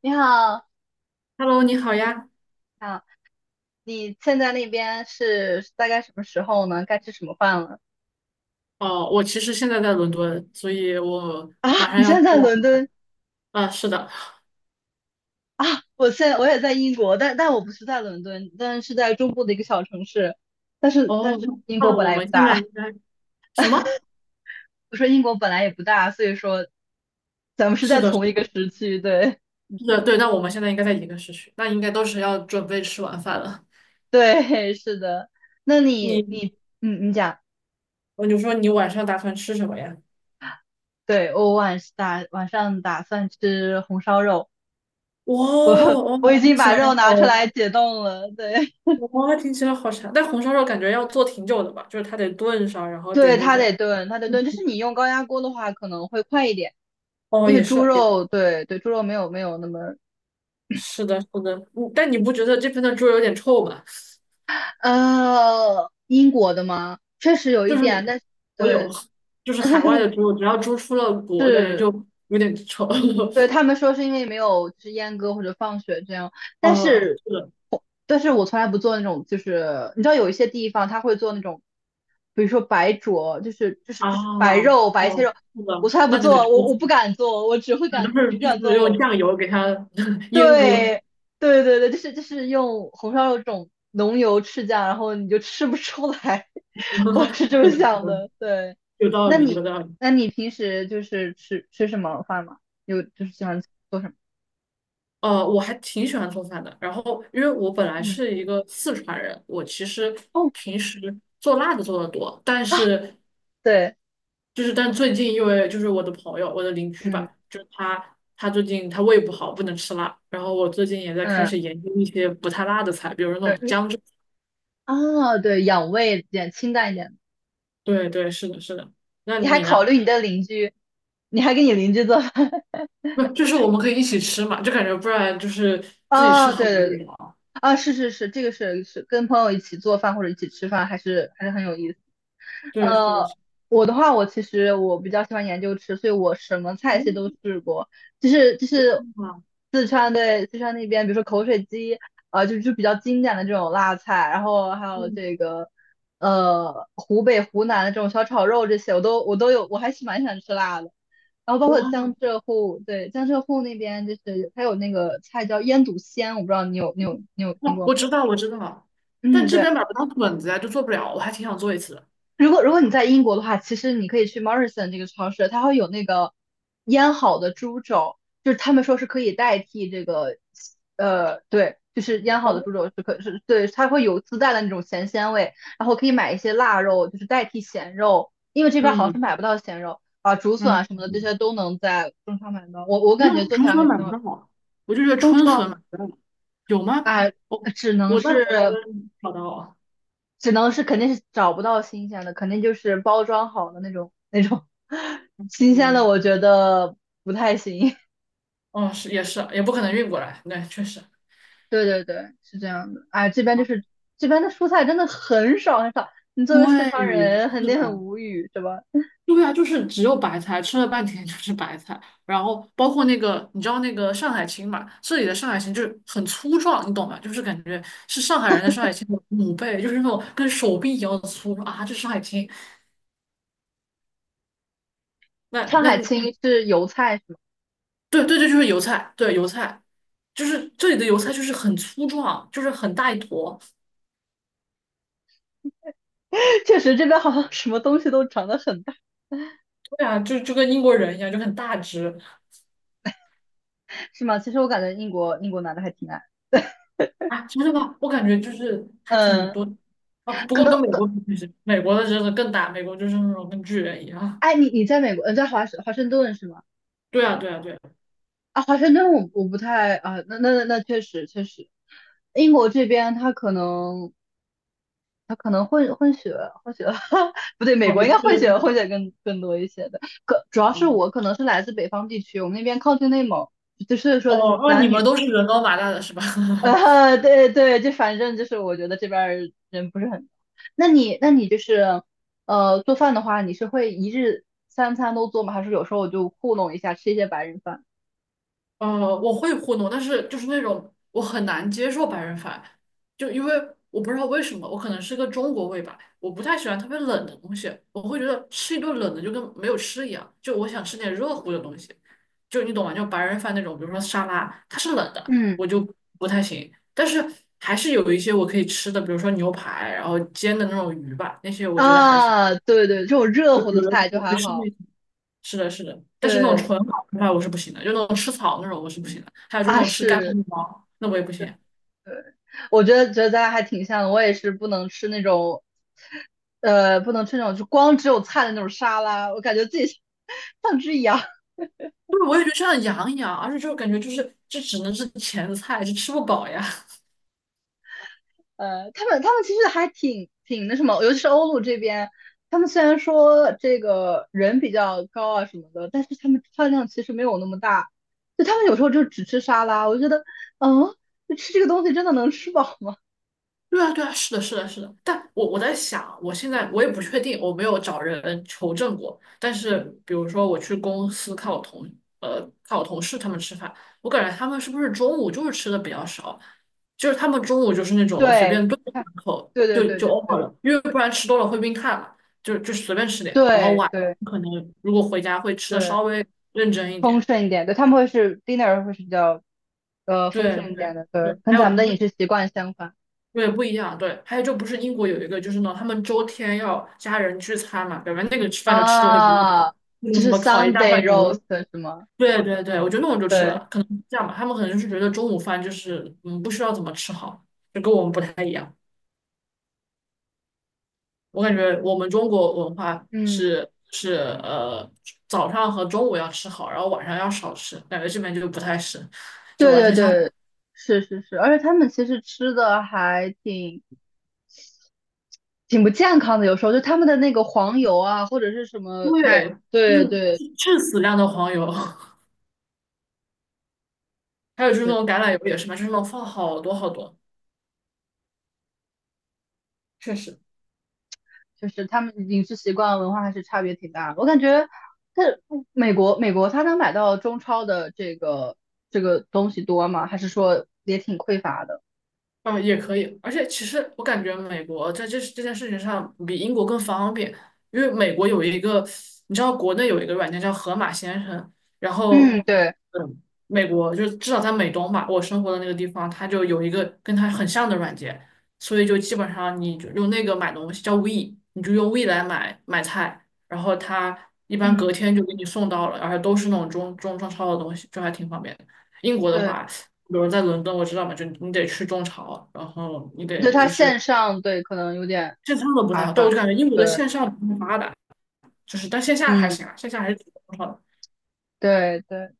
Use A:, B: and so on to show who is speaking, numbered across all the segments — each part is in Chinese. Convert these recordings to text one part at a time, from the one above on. A: 你好。
B: Hello，你好呀。
A: 啊，你现在那边是大概什么时候呢？该吃什么饭了？
B: 哦，我其实现在在伦敦，所以我
A: 啊，
B: 马上
A: 你
B: 要
A: 现
B: 出
A: 在在
B: 晚
A: 伦
B: 了。
A: 敦
B: 啊，是的。
A: 啊？我现在我也在英国，但我不是在伦敦，但是在中部的一个小城市。但是但
B: 哦，
A: 是英国
B: 那
A: 本
B: 我
A: 来也不
B: 们现在
A: 大。
B: 应该什么？
A: 我说英国本来也不大，所以说咱们是
B: 是
A: 在
B: 的，是
A: 同一个时区。对。
B: 的，对。那我们现在应该在一个时区，那应该都是要准备吃晚饭了。
A: 对，是的。那你
B: 你，
A: 你你讲，
B: 我就说你晚上打算吃什么呀？
A: 对，我晚上打算吃红烧肉，
B: 哇
A: 我
B: 哦，
A: 我已经把肉拿出来解冻了。对，
B: 哇，听起来好馋。但红烧肉感觉要做挺久的吧？就是它得炖上，然后得
A: 对，
B: 那
A: 它
B: 种。
A: 得炖，它得炖。就是你用高压锅的话，可能会快一点，
B: 哦，
A: 因为
B: 也
A: 猪
B: 是，也
A: 肉，对对，猪肉没有那么，
B: 是的，是的。嗯但你不觉得这边的猪肉有点臭吗？
A: 英国的吗？确实有
B: 就
A: 一
B: 是
A: 点，但是
B: 我有，
A: 对。
B: 就是海外 的猪，只要猪出了国，感觉
A: 是，
B: 就有点丑。
A: 对，他们说是因为没有就是阉割或者放血这样，但
B: 啊，
A: 是，
B: 是的，
A: 但是我从来不做那种，就是你知道有一些地方他会做那种，比如说白灼，就是就是
B: 啊，
A: 就是白肉白切
B: 哦，
A: 肉，
B: 是
A: 我
B: 的，
A: 从来不
B: 那就得
A: 做，我
B: 出，
A: 不敢做，我只会
B: 都
A: 敢
B: 是
A: 只
B: 就是
A: 敢
B: 用
A: 做。
B: 酱油给它 阉割。
A: 对，对对对，就是用红烧肉这种浓油赤酱，然后你就吃不出来，我是 这么
B: 是的，是
A: 想
B: 的，
A: 的。对，
B: 有道
A: 那
B: 理，有
A: 你
B: 道理。
A: 那你平时就是吃什么饭吗？有就是喜欢做什么？
B: 我还挺喜欢做饭的。然后，因为我本来
A: 嗯，
B: 是一个四川人，我其实
A: 哦。
B: 平时做辣的做的多，
A: 啊，对，
B: 但最近因为就是我的朋友，我的邻居
A: 嗯
B: 吧，就是他最近他胃不好，不能吃辣。然后我最近也在开
A: 嗯。
B: 始研究一些不太辣的菜，比如说那
A: 对
B: 种
A: 你，
B: 姜汁。
A: 啊，对，养胃一点，清淡一点。
B: 对对，是的，是的。那
A: 你还
B: 你
A: 考
B: 呢？
A: 虑你的邻居，你还给你邻居做饭？
B: 不，就是我们可以一起吃嘛，就感觉不然就是自己吃
A: 啊，
B: 很
A: 对对
B: 无
A: 对，
B: 聊。
A: 啊，是是是，这个是是跟朋友一起做饭或者一起吃饭，还是很有意思。
B: 对，是的，
A: 呃，
B: 是的。
A: 我的话，我其实我比较喜欢研究吃，所以我什么菜系都试过，就是
B: 哇，
A: 四川，对，四川那边，比如说口水鸡，啊、就比较经典的这种辣菜，然后还有
B: 嗯，
A: 这个湖北湖南的这种小炒肉这些，我都有，我还是蛮喜欢吃辣的。然后包括
B: 哇，
A: 江浙沪，对，江浙沪那边就是还有那个菜叫腌笃鲜，我不知道你有你有你有 听
B: 哦，
A: 过吗？
B: 我知道，我知道，但
A: 嗯，
B: 这
A: 对，
B: 边买不到笋子呀，就做不了。我还挺想做一次的。
A: 如果如果你在英国的话，其实你可以去 Morrison 这个超市，它会有那个腌好的猪肘，就是他们说是可以代替这个，对，就是腌好的
B: 哦，
A: 猪肘是可是对，它会有自带的那种咸鲜味，然后可以买一些腊肉，就是代替咸肉，因为这边好像是
B: 嗯
A: 买不到咸肉啊，竹笋
B: 嗯。
A: 啊什么的，这些都能在中超买到，我
B: 没
A: 感
B: 有
A: 觉做起
B: 竹
A: 来还
B: 笋买
A: 挺
B: 不
A: 好。
B: 到啊，我就觉得
A: 中
B: 春
A: 超
B: 笋买不到，有吗？
A: 啊，
B: 我
A: 只能
B: 我在伦
A: 是
B: 敦找到了，
A: 只能是肯定是找不到新鲜的，肯定就是包装好的那种 新鲜的，
B: 嗯，
A: 我觉得不太行。
B: 哦，是也是，也不可能运过来，对，确实。
A: 对对对，是这样的。哎，这边就
B: 啊，
A: 是这边的蔬菜真的很少很少，你作为四川
B: 对，
A: 人肯
B: 是
A: 定很
B: 的，
A: 无语，是吧？
B: 对啊，就是只有白菜，吃了半天就是白菜，然后包括那个，你知道那个上海青嘛？这里的上海青就是很粗壮，你懂吗？就是感觉是上海人的上海青的母辈，就是那种跟手臂一样粗啊，这上海青。那
A: 上
B: 那
A: 海青是油菜是吗？
B: 对对对，就是油菜，对油菜，就是这里的油菜就是很粗壮，就是很大一坨，
A: 确实这边好像什么东西都长得很大。
B: 对啊，就跟英国人一样，就很大只
A: 是吗？其实我感觉英国男的还挺矮。
B: 啊，真的吗？我感觉就是还挺
A: 嗯，
B: 多哦，不
A: 可
B: 过
A: 能。
B: 跟美国比其实，美国的真的更大，美国就是那种跟巨人一样，
A: 哎，你你在美国，在华盛顿是吗？
B: 对啊对啊对啊，
A: 啊，华盛顿我我不太。啊，那确实确实，英国这边他可能他可能混血，不对，美
B: 哦
A: 国
B: 也
A: 应该
B: 对
A: 混
B: 可
A: 血
B: 能，
A: 混血更更多一些的。可主要是
B: 嗯
A: 我可能是来自北方地区，我们那边靠近内蒙，就所以说
B: 哦
A: 就是
B: 哦，你
A: 男
B: 们
A: 女。
B: 都是人高马大的是吧？
A: 对对，就反正就是我觉得这边儿人不是很多。那你那你就是做饭的话，你是会一日三餐都做吗？还是有时候就糊弄一下吃一些白人饭？
B: 我会糊弄，但是就是那种我很难接受白人饭，就因为我不知道为什么，我可能是个中国胃吧，我不太喜欢特别冷的东西，我会觉得吃一顿冷的就跟没有吃一样，就我想吃点热乎的东西，就你懂吗？就白人饭那种，比如说沙拉，它是冷的，
A: 嗯。
B: 我就不太行，但是还是有一些我可以吃的，比如说牛排，然后煎的那种鱼吧，那些我觉得还行。
A: 啊，对对，这种热
B: 有
A: 乎的
B: 有人
A: 菜就
B: 我会
A: 还
B: 吃那
A: 好。
B: 是的，是的，但是那种
A: 对
B: 纯好吃派我是不行的，就那种吃草那种我是不行的，还有就是那
A: 啊，
B: 种吃干锅
A: 是，
B: 面包，那我也不行。
A: 我觉得咱俩还挺像的。我也是不能吃那种，不能吃那种就光只有菜的那种沙拉，我感觉自己 像只羊。
B: 就是我也觉得像羊一样，而且就感觉就是这只能是前菜，就吃不饱呀。
A: 他们其实还挺那什么，尤其是欧陆这边，他们虽然说这个人比较高啊什么的，但是他们饭量其实没有那么大，就他们有时候就只吃沙拉。我就觉得，嗯，就吃这个东西真的能吃饱吗？
B: 对啊，对啊，是的，是的，是的。但我在想啊，我现在我也不确定，我没有找人求证过。但是，比如说我去公司看我同呃看我同事他们吃饭，我感觉他们是不是中午就是吃的比较少，就是他们中午就是那种随
A: 对，
B: 便炖两
A: 看，
B: 口
A: 对对
B: 就
A: 对
B: 就 over
A: 对
B: 了，因为不然吃多了会晕碳嘛，就是随便吃点。然后
A: 对对对
B: 可能如果回家会吃的
A: 对，
B: 稍微认真一
A: 丰
B: 点。
A: 盛一点，对，他们会是 dinner 会是比较丰
B: 对
A: 盛一点
B: 对
A: 的，
B: 对，
A: 对，跟
B: 还
A: 咱
B: 有
A: 们
B: 不
A: 的饮
B: 是
A: 食习惯相反。
B: 对，不一样。对，还有就不是英国有一个，就是呢，他们周天要家人聚餐嘛，感觉那个吃饭就吃的会比较
A: 啊，
B: 好，那种
A: 就
B: 什
A: 是
B: 么烤一大块
A: Sunday
B: 牛
A: roast
B: 肉。
A: 是吗？
B: 对对对，我觉得那种就吃
A: 对，
B: 的可能是这样吧，他们可能就是觉得中午饭就是不需要怎么吃好，就跟我们不太一样。我感觉我们中国文化
A: 嗯，
B: 是呃早上和中午要吃好，然后晚上要少吃，感觉这边就不太是，就
A: 对
B: 完
A: 对
B: 全相反。
A: 对，是是是，而且他们其实吃的还挺不健康的，有时候就他们的那个黄油啊，或者是什么奶，
B: 对，就
A: 对
B: 是
A: 对，
B: 致死量的黄油。还有就是那
A: 对，
B: 种橄榄油也是嘛，就是那种放好多好多。确实。
A: 就是他们饮食习惯文化还是差别挺大的。我感觉在美国，美国他能买到中超的这个东西多吗？还是说也挺匮乏的？
B: 啊，也可以，而且其实我感觉美国在这这件事情上比英国更方便，因为美国有一个，你知道国内有一个软件叫河马先生，然后，
A: 嗯，对，
B: 嗯，美国就至少在美东吧，我生活的那个地方，它就有一个跟它很像的软件，所以就基本上你就用那个买东西叫 We，你就用 We 来买买菜，然后它一般
A: 嗯，
B: 隔天就给你送到了，而且都是那种中超的东西，就还挺方便的。英国的
A: 对，
B: 话。比如在伦敦，我知道嘛，就你得去中朝，然后你
A: 对，
B: 得
A: 它
B: 就
A: 线
B: 是
A: 上对可能有点
B: 线上的不太
A: 麻
B: 好。对，我
A: 烦。
B: 就感觉英国的
A: 对，
B: 线上不太发达，就是但线下还
A: 嗯，
B: 行啊，线下还是挺好的。
A: 对对。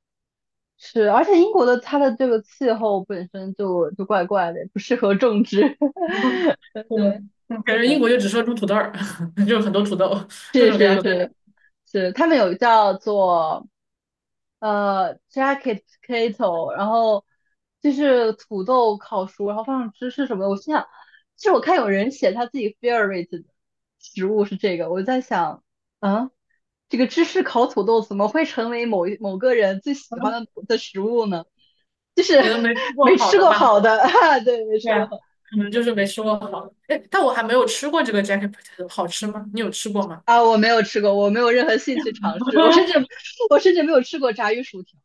A: 是，而且英国的它的这个气候本身就怪怪的，不适合种植。对对
B: 嗯，感觉英
A: 对，
B: 国就只说种土豆儿，就很多土豆，各
A: 是
B: 种各样
A: 是
B: 的土豆
A: 是是，他们有叫做jacket potato，然后就是土豆烤熟，然后放上芝士什么的。我心想，其实我看有人写他自己 favorite 的食物是这个，我在想，啊，这个芝士烤土豆怎么会成为某个人最喜欢的的食物呢？就是
B: 可能没吃 过
A: 没
B: 好
A: 吃
B: 的
A: 过
B: 吧。
A: 好的 啊，对，没
B: 对
A: 吃过
B: 啊，
A: 好。
B: 可
A: 嗯，
B: 能就是没吃过好的。哎，但我还没有吃过这个 jacket p o t 好吃吗？你有吃过吗？
A: 啊，我没有吃过，我没有任何兴趣尝试，我甚至没有吃过炸鱼薯条。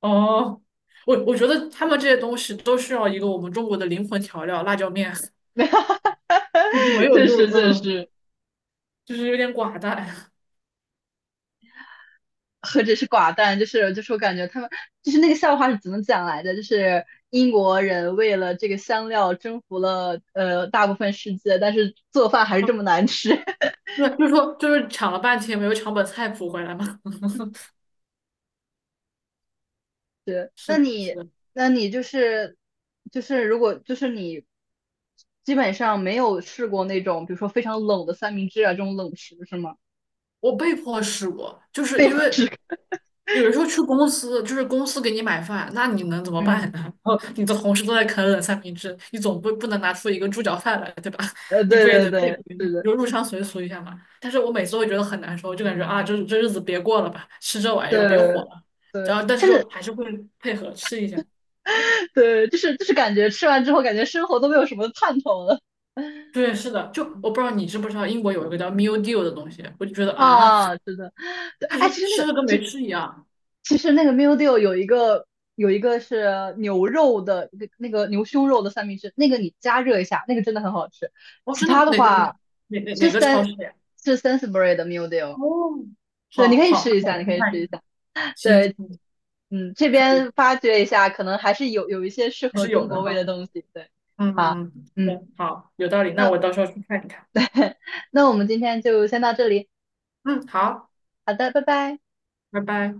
B: 哦，我觉得他们这些东西都需要一个我们中国的灵魂调料——辣椒面。
A: 没有，
B: 你没有
A: 确
B: 就
A: 实确
B: 嗯。
A: 实，
B: 就是有点寡淡。
A: 何止是寡淡，就是我感觉他们，就是那个笑话是怎么讲来的？就是英国人为了这个香料征服了大部分世界，但是做饭还是这么难吃。
B: 对，就是说，就是抢了半天没有抢本菜谱回来嘛。
A: 对，那
B: 是的，是
A: 你
B: 的，
A: 那你就是就是如果就是你基本上没有试过那种比如说非常冷的三明治啊这种冷食是吗？
B: 我被迫试过，就是
A: 被
B: 因
A: 迫
B: 为
A: 吃，
B: 有的时候去公司，就是公司给你买饭，那你能怎 么办
A: 嗯，
B: 呢？然后你的同事都在啃冷三明治，你总不能拿出一个猪脚饭来，对吧？你
A: 对
B: 不也
A: 对
B: 得配合
A: 对，
B: 一下，
A: 是的，
B: 就入乡随俗一下嘛。但是我每次都会觉得很难受，就感觉啊，这日子别过了吧，吃这玩意儿别火
A: 对
B: 了。
A: 对，
B: 然后，但是
A: 甚至
B: 就还是会配合吃一下。
A: 对，就是感觉吃完之后感觉生活都没有什么盼头了。
B: 对，是的，就我不知道你知不知道，英国有一个叫 mildew 的东西，我就觉得 啊，
A: 啊，是的，对，
B: 就
A: 哎，
B: 是
A: 其实那
B: 吃
A: 个，
B: 了跟没吃一样。
A: 其实那个 meal deal 有一个，有一个是牛肉的，那个，那个牛胸肉的三明治，那个你加热一下，那个真的很好吃。
B: 哦，
A: 其
B: 真的
A: 他的话，是
B: 哪个超
A: 三
B: 市呀？
A: 是 Sainsbury 的 meal deal，
B: 哦，
A: 对，你
B: 好
A: 可以
B: 好，
A: 试一
B: 那我
A: 下，你
B: 去看
A: 可
B: 一
A: 以试一
B: 看。
A: 下。
B: 行，
A: 对，
B: 行
A: 嗯，这
B: 可以，
A: 边发掘一下，可能还是有一些适
B: 还
A: 合
B: 是
A: 中
B: 有
A: 国
B: 的
A: 味的
B: 哈。
A: 东西。对，好，
B: 嗯，
A: 嗯，
B: 对，好，有道理，那
A: 那
B: 我到时候去看一看。
A: 那我们今天就先到这里，
B: 嗯，好，
A: 好的，拜拜。
B: 拜拜。